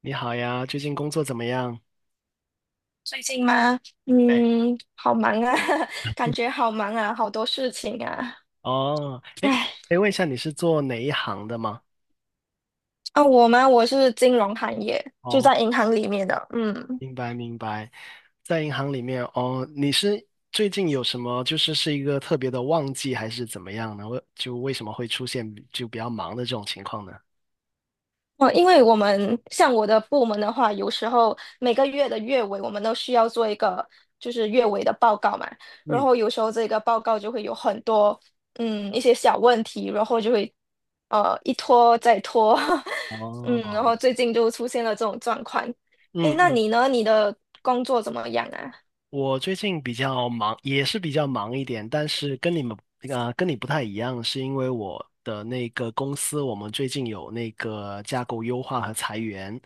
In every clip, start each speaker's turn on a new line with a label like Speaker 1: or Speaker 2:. Speaker 1: 你好呀，最近工作怎么样？
Speaker 2: 最近吗？
Speaker 1: 对。
Speaker 2: 好忙啊，感觉好忙啊，好多事情啊。
Speaker 1: 哦，哎，
Speaker 2: 唉，
Speaker 1: 可以问一下你是做哪一行的吗？
Speaker 2: 啊，我吗？我是金融行业，就
Speaker 1: 哦，
Speaker 2: 在银行里面的。嗯。
Speaker 1: 明白明白。在银行里面哦，你是最近有什么就是是一个特别的旺季还是怎么样呢？为什么会出现就比较忙的这种情况呢？
Speaker 2: 哦，因为我们像我的部门的话，有时候每个月的月尾，我们都需要做一个就是月尾的报告嘛。然
Speaker 1: 嗯。
Speaker 2: 后有时候这个报告就会有很多一些小问题，然后就会一拖再拖，然
Speaker 1: 哦。
Speaker 2: 后最近就出现了这种状况。诶，
Speaker 1: 嗯
Speaker 2: 那
Speaker 1: 嗯。
Speaker 2: 你呢？你的工作怎么样啊？
Speaker 1: 我最近比较忙，也是比较忙一点，但是跟你们跟你不太一样，是因为我的那个公司，我们最近有那个架构优化和裁员，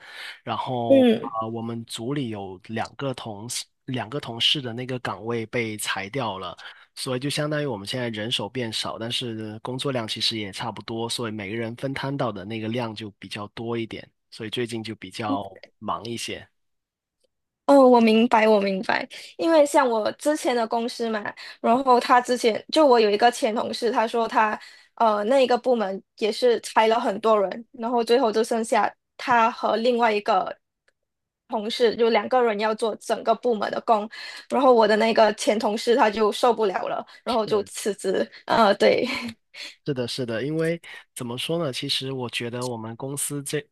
Speaker 1: 然后
Speaker 2: 嗯。
Speaker 1: 我们组里有两个同事的那个岗位被裁掉了，所以就相当于我们现在人手变少，但是工作量其实也差不多，所以每个人分摊到的那个量就比较多一点，所以最近就比较忙一些。
Speaker 2: 哦，我明白，我明白。因为像我之前的公司嘛，然后他之前就我有一个前同事，他说他那一个部门也是裁了很多人，然后最后就剩下他和另外一个同事，就2个人要做整个部门的工。然后我的那个前同事他就受不了了，然后就辞职。对。
Speaker 1: 是的，是的，因为怎么说呢？其实我觉得我们公司这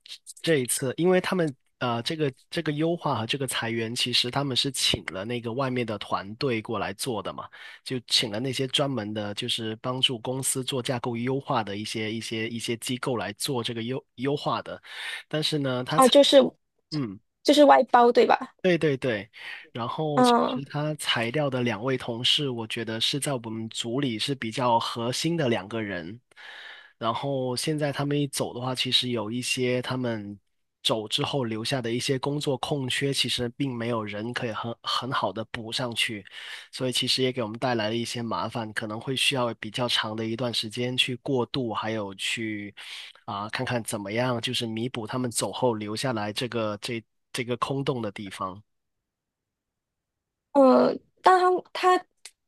Speaker 1: 这一次，因为他们这个优化和这个裁员，其实他们是请了那个外面的团队过来做的嘛，就请了那些专门的，就是帮助公司做架构优化的一些机构来做这个优化的。但是呢，他
Speaker 2: 啊，
Speaker 1: 裁。
Speaker 2: 就是
Speaker 1: 嗯。
Speaker 2: 就是外包，对吧？
Speaker 1: 对对对。然后其实
Speaker 2: 嗯。
Speaker 1: 他裁掉的两位同事，我觉得是在我们组里是比较核心的两个人。然后现在他们一走的话，其实有一些他们走之后留下的一些工作空缺，其实并没有人可以很好的补上去，所以其实也给我们带来了一些麻烦，可能会需要比较长的一段时间去过渡，还有去看看怎么样，就是弥补他们走后留下来这个空洞的地方。
Speaker 2: 呃，但他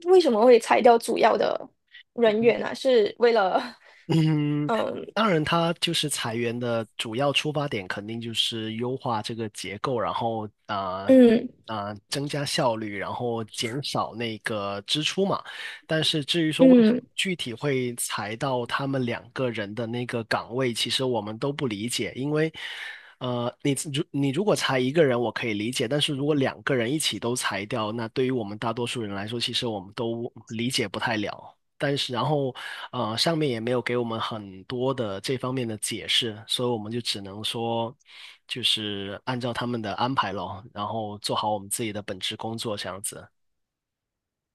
Speaker 2: 为什么会裁掉主要的人员呢？是为了，
Speaker 1: 嗯。
Speaker 2: 嗯
Speaker 1: 当然，他就是裁员的主要出发点，肯定就是优化这个结构，然后
Speaker 2: 嗯
Speaker 1: 增加效率，然后减少那个支出嘛。但是至于说为什么
Speaker 2: 嗯，
Speaker 1: 具体会裁到他们两个人的那个岗位，其实我们都不理解，因为你如果裁一个人，我可以理解，但是如果两个人一起都裁掉，那对于我们大多数人来说，其实我们都理解不太了。但是然后上面也没有给我们很多的这方面的解释，所以我们就只能说就是按照他们的安排咯，然后做好我们自己的本职工作这样子。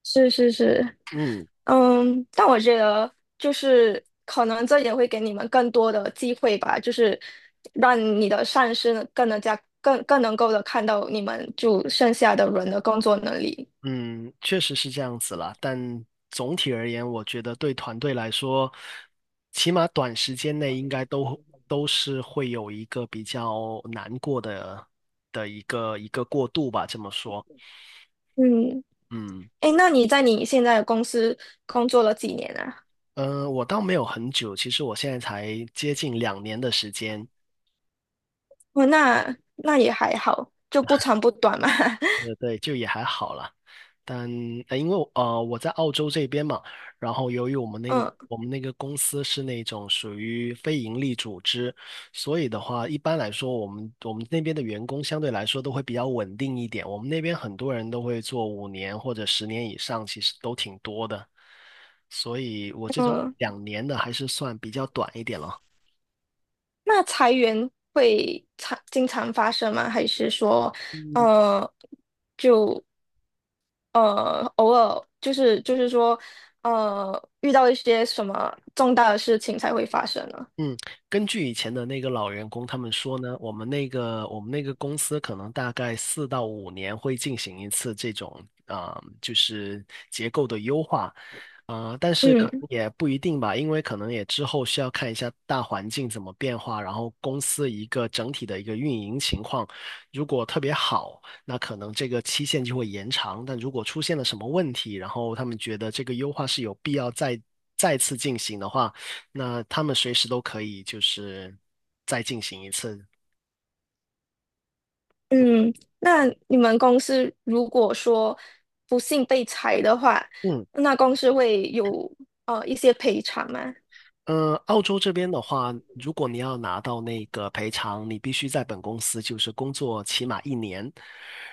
Speaker 2: 是是是。
Speaker 1: 嗯
Speaker 2: 嗯，但我觉得就是可能这也会给你们更多的机会吧，就是让你的上司呢更能加更更能够的看到你们就剩下的人的工作能力。
Speaker 1: 嗯，确实是这样子啦，但总体而言，我觉得对团队来说，起码短时间内应该都是会有一个比较难过的的一个过渡吧，这么说。
Speaker 2: 嗯。
Speaker 1: 嗯
Speaker 2: 哎，那你在你现在的公司工作了几年啊？
Speaker 1: 嗯，我倒没有很久，其实我现在才接近两年的时间。
Speaker 2: 哦，那也还好，就不长不短嘛。
Speaker 1: 对，就也还好啦。但因为我在澳洲这边嘛，然后由于我们那个
Speaker 2: 嗯。
Speaker 1: 我们那个公司是那种属于非盈利组织，所以的话，一般来说，我们那边的员工相对来说都会比较稳定一点。我们那边很多人都会做五年或者十年以上，其实都挺多的。所以我这种
Speaker 2: 嗯，
Speaker 1: 两年的还是算比较短一点了。
Speaker 2: 那裁员会经常发生吗？还是说，呃，就偶尔就是说，遇到一些什么重大的事情才会发生呢？
Speaker 1: 嗯。根据以前的那个老员工他们说呢，我们那个公司可能大概4到5年会进行一次这种就是结构的优化。但是可
Speaker 2: 嗯
Speaker 1: 能也不一定吧，因为可能也之后需要看一下大环境怎么变化，然后公司一个整体的一个运营情况，如果特别好，那可能这个期限就会延长，但如果出现了什么问题，然后他们觉得这个优化是有必要再次进行的话，那他们随时都可以就是再进行一次。
Speaker 2: 嗯。那你们公司如果说不幸被裁的话，
Speaker 1: 嗯。
Speaker 2: 那公司会有一些赔偿吗？
Speaker 1: 澳洲这边的话，如果你要拿到那个赔偿，你必须在本公司就是工作起码一年，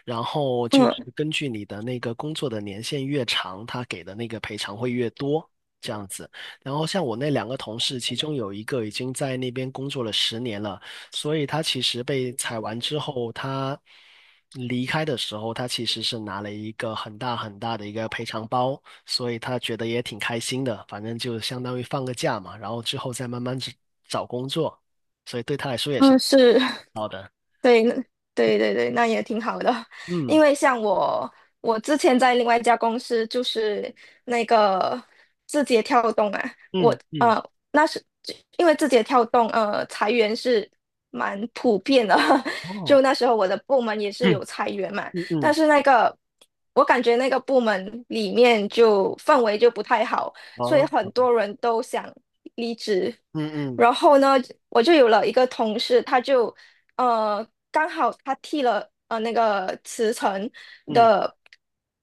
Speaker 1: 然后就
Speaker 2: 嗯
Speaker 1: 是根据你的那个工作的年限越长，他给的那个赔偿会越多，这样子。然后像我那两个同事，其中有一个已经在那边工作了十年了，所以他其实被裁完之后，他离开的时候，他其实是拿了一个很大很大的一个赔偿包。所以他觉得也挺开心的，反正就相当于放个假嘛，然后之后再慢慢找找工作，所以对他来说也是
Speaker 2: 嗯，是
Speaker 1: 好的。
Speaker 2: 对，那对对对，那也挺好的。因
Speaker 1: 嗯
Speaker 2: 为像我之前在另外一家公司，就是那个字节跳动啊，
Speaker 1: 嗯嗯，
Speaker 2: 那是因为字节跳动裁员是蛮普遍的，
Speaker 1: 哦，
Speaker 2: 就那时候我的部门也 是
Speaker 1: 嗯
Speaker 2: 有裁员嘛。
Speaker 1: 嗯
Speaker 2: 但
Speaker 1: 嗯，
Speaker 2: 是那个我感觉那个部门里面就氛围就不太好，所
Speaker 1: 哦，
Speaker 2: 以很多人都想离职。
Speaker 1: 嗯嗯
Speaker 2: 然后呢，我就有了一个同事，他就。呃。刚好他剃了那个辞呈
Speaker 1: 嗯，
Speaker 2: 的，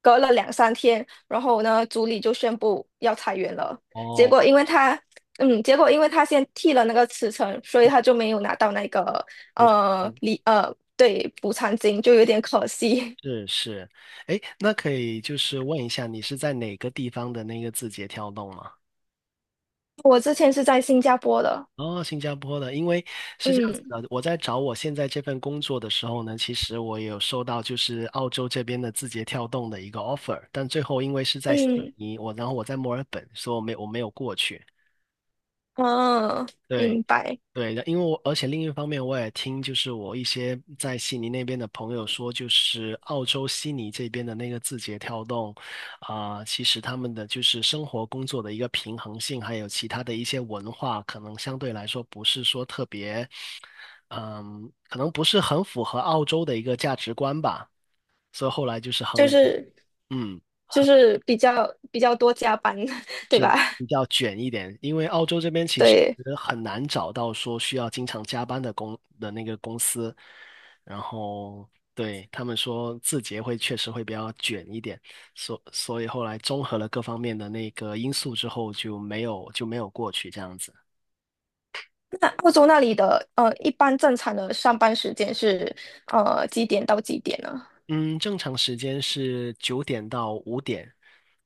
Speaker 2: 隔了两三天，然后呢，组里就宣布要裁员了。结
Speaker 1: 哦，
Speaker 2: 果因为他，结果因为他先剃了那个辞呈，所以他就没有拿到那个
Speaker 1: 我
Speaker 2: 呃
Speaker 1: 嗯
Speaker 2: 离呃对补偿金，就有点可惜。
Speaker 1: 是是。哎，那可以就是问一下，你是在哪个地方的那个字节跳动吗？
Speaker 2: 我之前是在新加坡的。
Speaker 1: 哦，新加坡的。因为是这样子
Speaker 2: 嗯
Speaker 1: 的，我在找我现在这份工作的时候呢，其实我也有收到就是澳洲这边的字节跳动的一个 offer，但最后因为是在悉
Speaker 2: 嗯
Speaker 1: 尼，然后我在墨尔本，所以我没有过去。
Speaker 2: 嗯，
Speaker 1: 对，
Speaker 2: 明白。
Speaker 1: 对的，因为我而且另一方面，我也听就是我一些在悉尼那边的朋友说，就是澳洲悉尼这边的那个字节跳动，其实他们的就是生活工作的一个平衡性，还有其他的一些文化，可能相对来说不是说特别，嗯，可能不是很符合澳洲的一个价值观吧，所以后来就是衡
Speaker 2: 就
Speaker 1: 量。
Speaker 2: 是
Speaker 1: 嗯。
Speaker 2: 就是比较多加班，对吧？
Speaker 1: 比较卷一点，因为澳洲这边其实
Speaker 2: 对。
Speaker 1: 很难找到说需要经常加班的那个公司，然后对他们说字节会确实会比较卷一点，所以后来综合了各方面的那个因素之后就没有过去这样子。
Speaker 2: 那澳洲那里的一般正常的上班时间是几点到几点呢？
Speaker 1: 嗯，正常时间是9点到5点，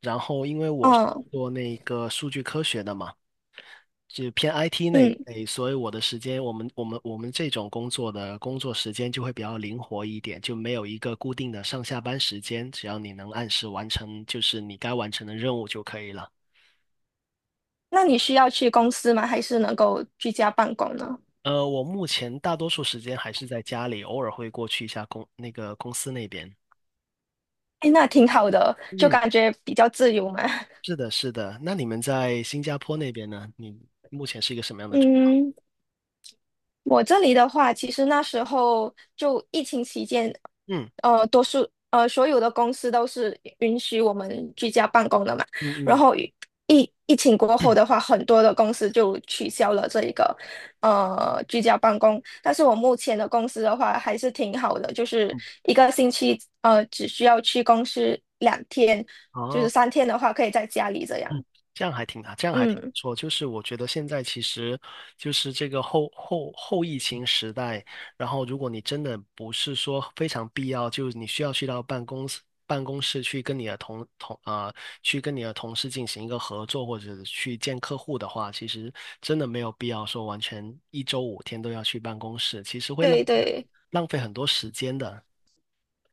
Speaker 1: 然后因为我是
Speaker 2: 嗯
Speaker 1: 做那个数据科学的嘛。就偏 IT 那一
Speaker 2: 嗯。
Speaker 1: 类，所以我的时间，我们这种工作的工作时间就会比较灵活一点，就没有一个固定的上下班时间，只要你能按时完成，就是你该完成的任务就可以了。
Speaker 2: 那你需要去公司吗？还是能够居家办公呢？
Speaker 1: 我目前大多数时间还是在家里，偶尔会过去一下公司那边。
Speaker 2: 哎，那挺好的，就
Speaker 1: 嗯，
Speaker 2: 感觉比较自由嘛。
Speaker 1: 是 的，是的。那你们在新加坡那边呢？你目前是一个什么样的状？
Speaker 2: 嗯。我这里的话，其实那时候就疫情期间，
Speaker 1: 嗯
Speaker 2: 所有的公司都是允许我们居家办公的嘛。
Speaker 1: 嗯
Speaker 2: 然
Speaker 1: 嗯
Speaker 2: 后疫情过后的话，很多的公司就取消了这一个居家办公。但是我目前的公司的话还是挺好的，就是
Speaker 1: 嗯，
Speaker 2: 一个星期只需要去公司2天，就是
Speaker 1: 哦。
Speaker 2: 三天的话可以在家里这样。
Speaker 1: 嗯，这样还挺不
Speaker 2: 嗯，
Speaker 1: 错。就是我觉得现在其实就是这个后疫情时代，然后如果你真的不是说非常必要，就是你需要去到办公室去跟你的同事进行一个合作，或者去见客户的话，其实真的没有必要说完全一周5天都要去办公室，其实会浪
Speaker 2: 对对，
Speaker 1: 浪费很多时间的。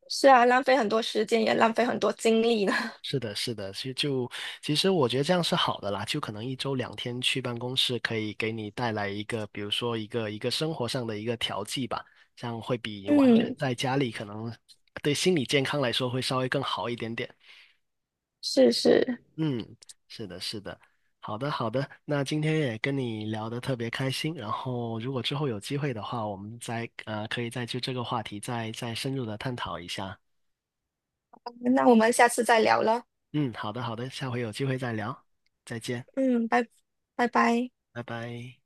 Speaker 2: 是啊，浪费很多时间也浪费很多精力呢。
Speaker 1: 是的，是的，其实我觉得这样是好的啦，就可能一周2天去办公室，可以给你带来一个，比如说一个生活上的一个调剂吧，这样会 比完全
Speaker 2: 嗯。
Speaker 1: 在家里可能对心理健康来说会稍微更好一点点。
Speaker 2: 是是，
Speaker 1: 嗯，是的，是的，好的，好的，那今天也跟你聊得特别开心，然后如果之后有机会的话，我们再可以再就这个话题再深入的探讨一下。
Speaker 2: 那我们下次再聊了。
Speaker 1: 嗯，好的，好的，下回有机会再聊，再见，
Speaker 2: 嗯，拜拜拜。
Speaker 1: 拜拜。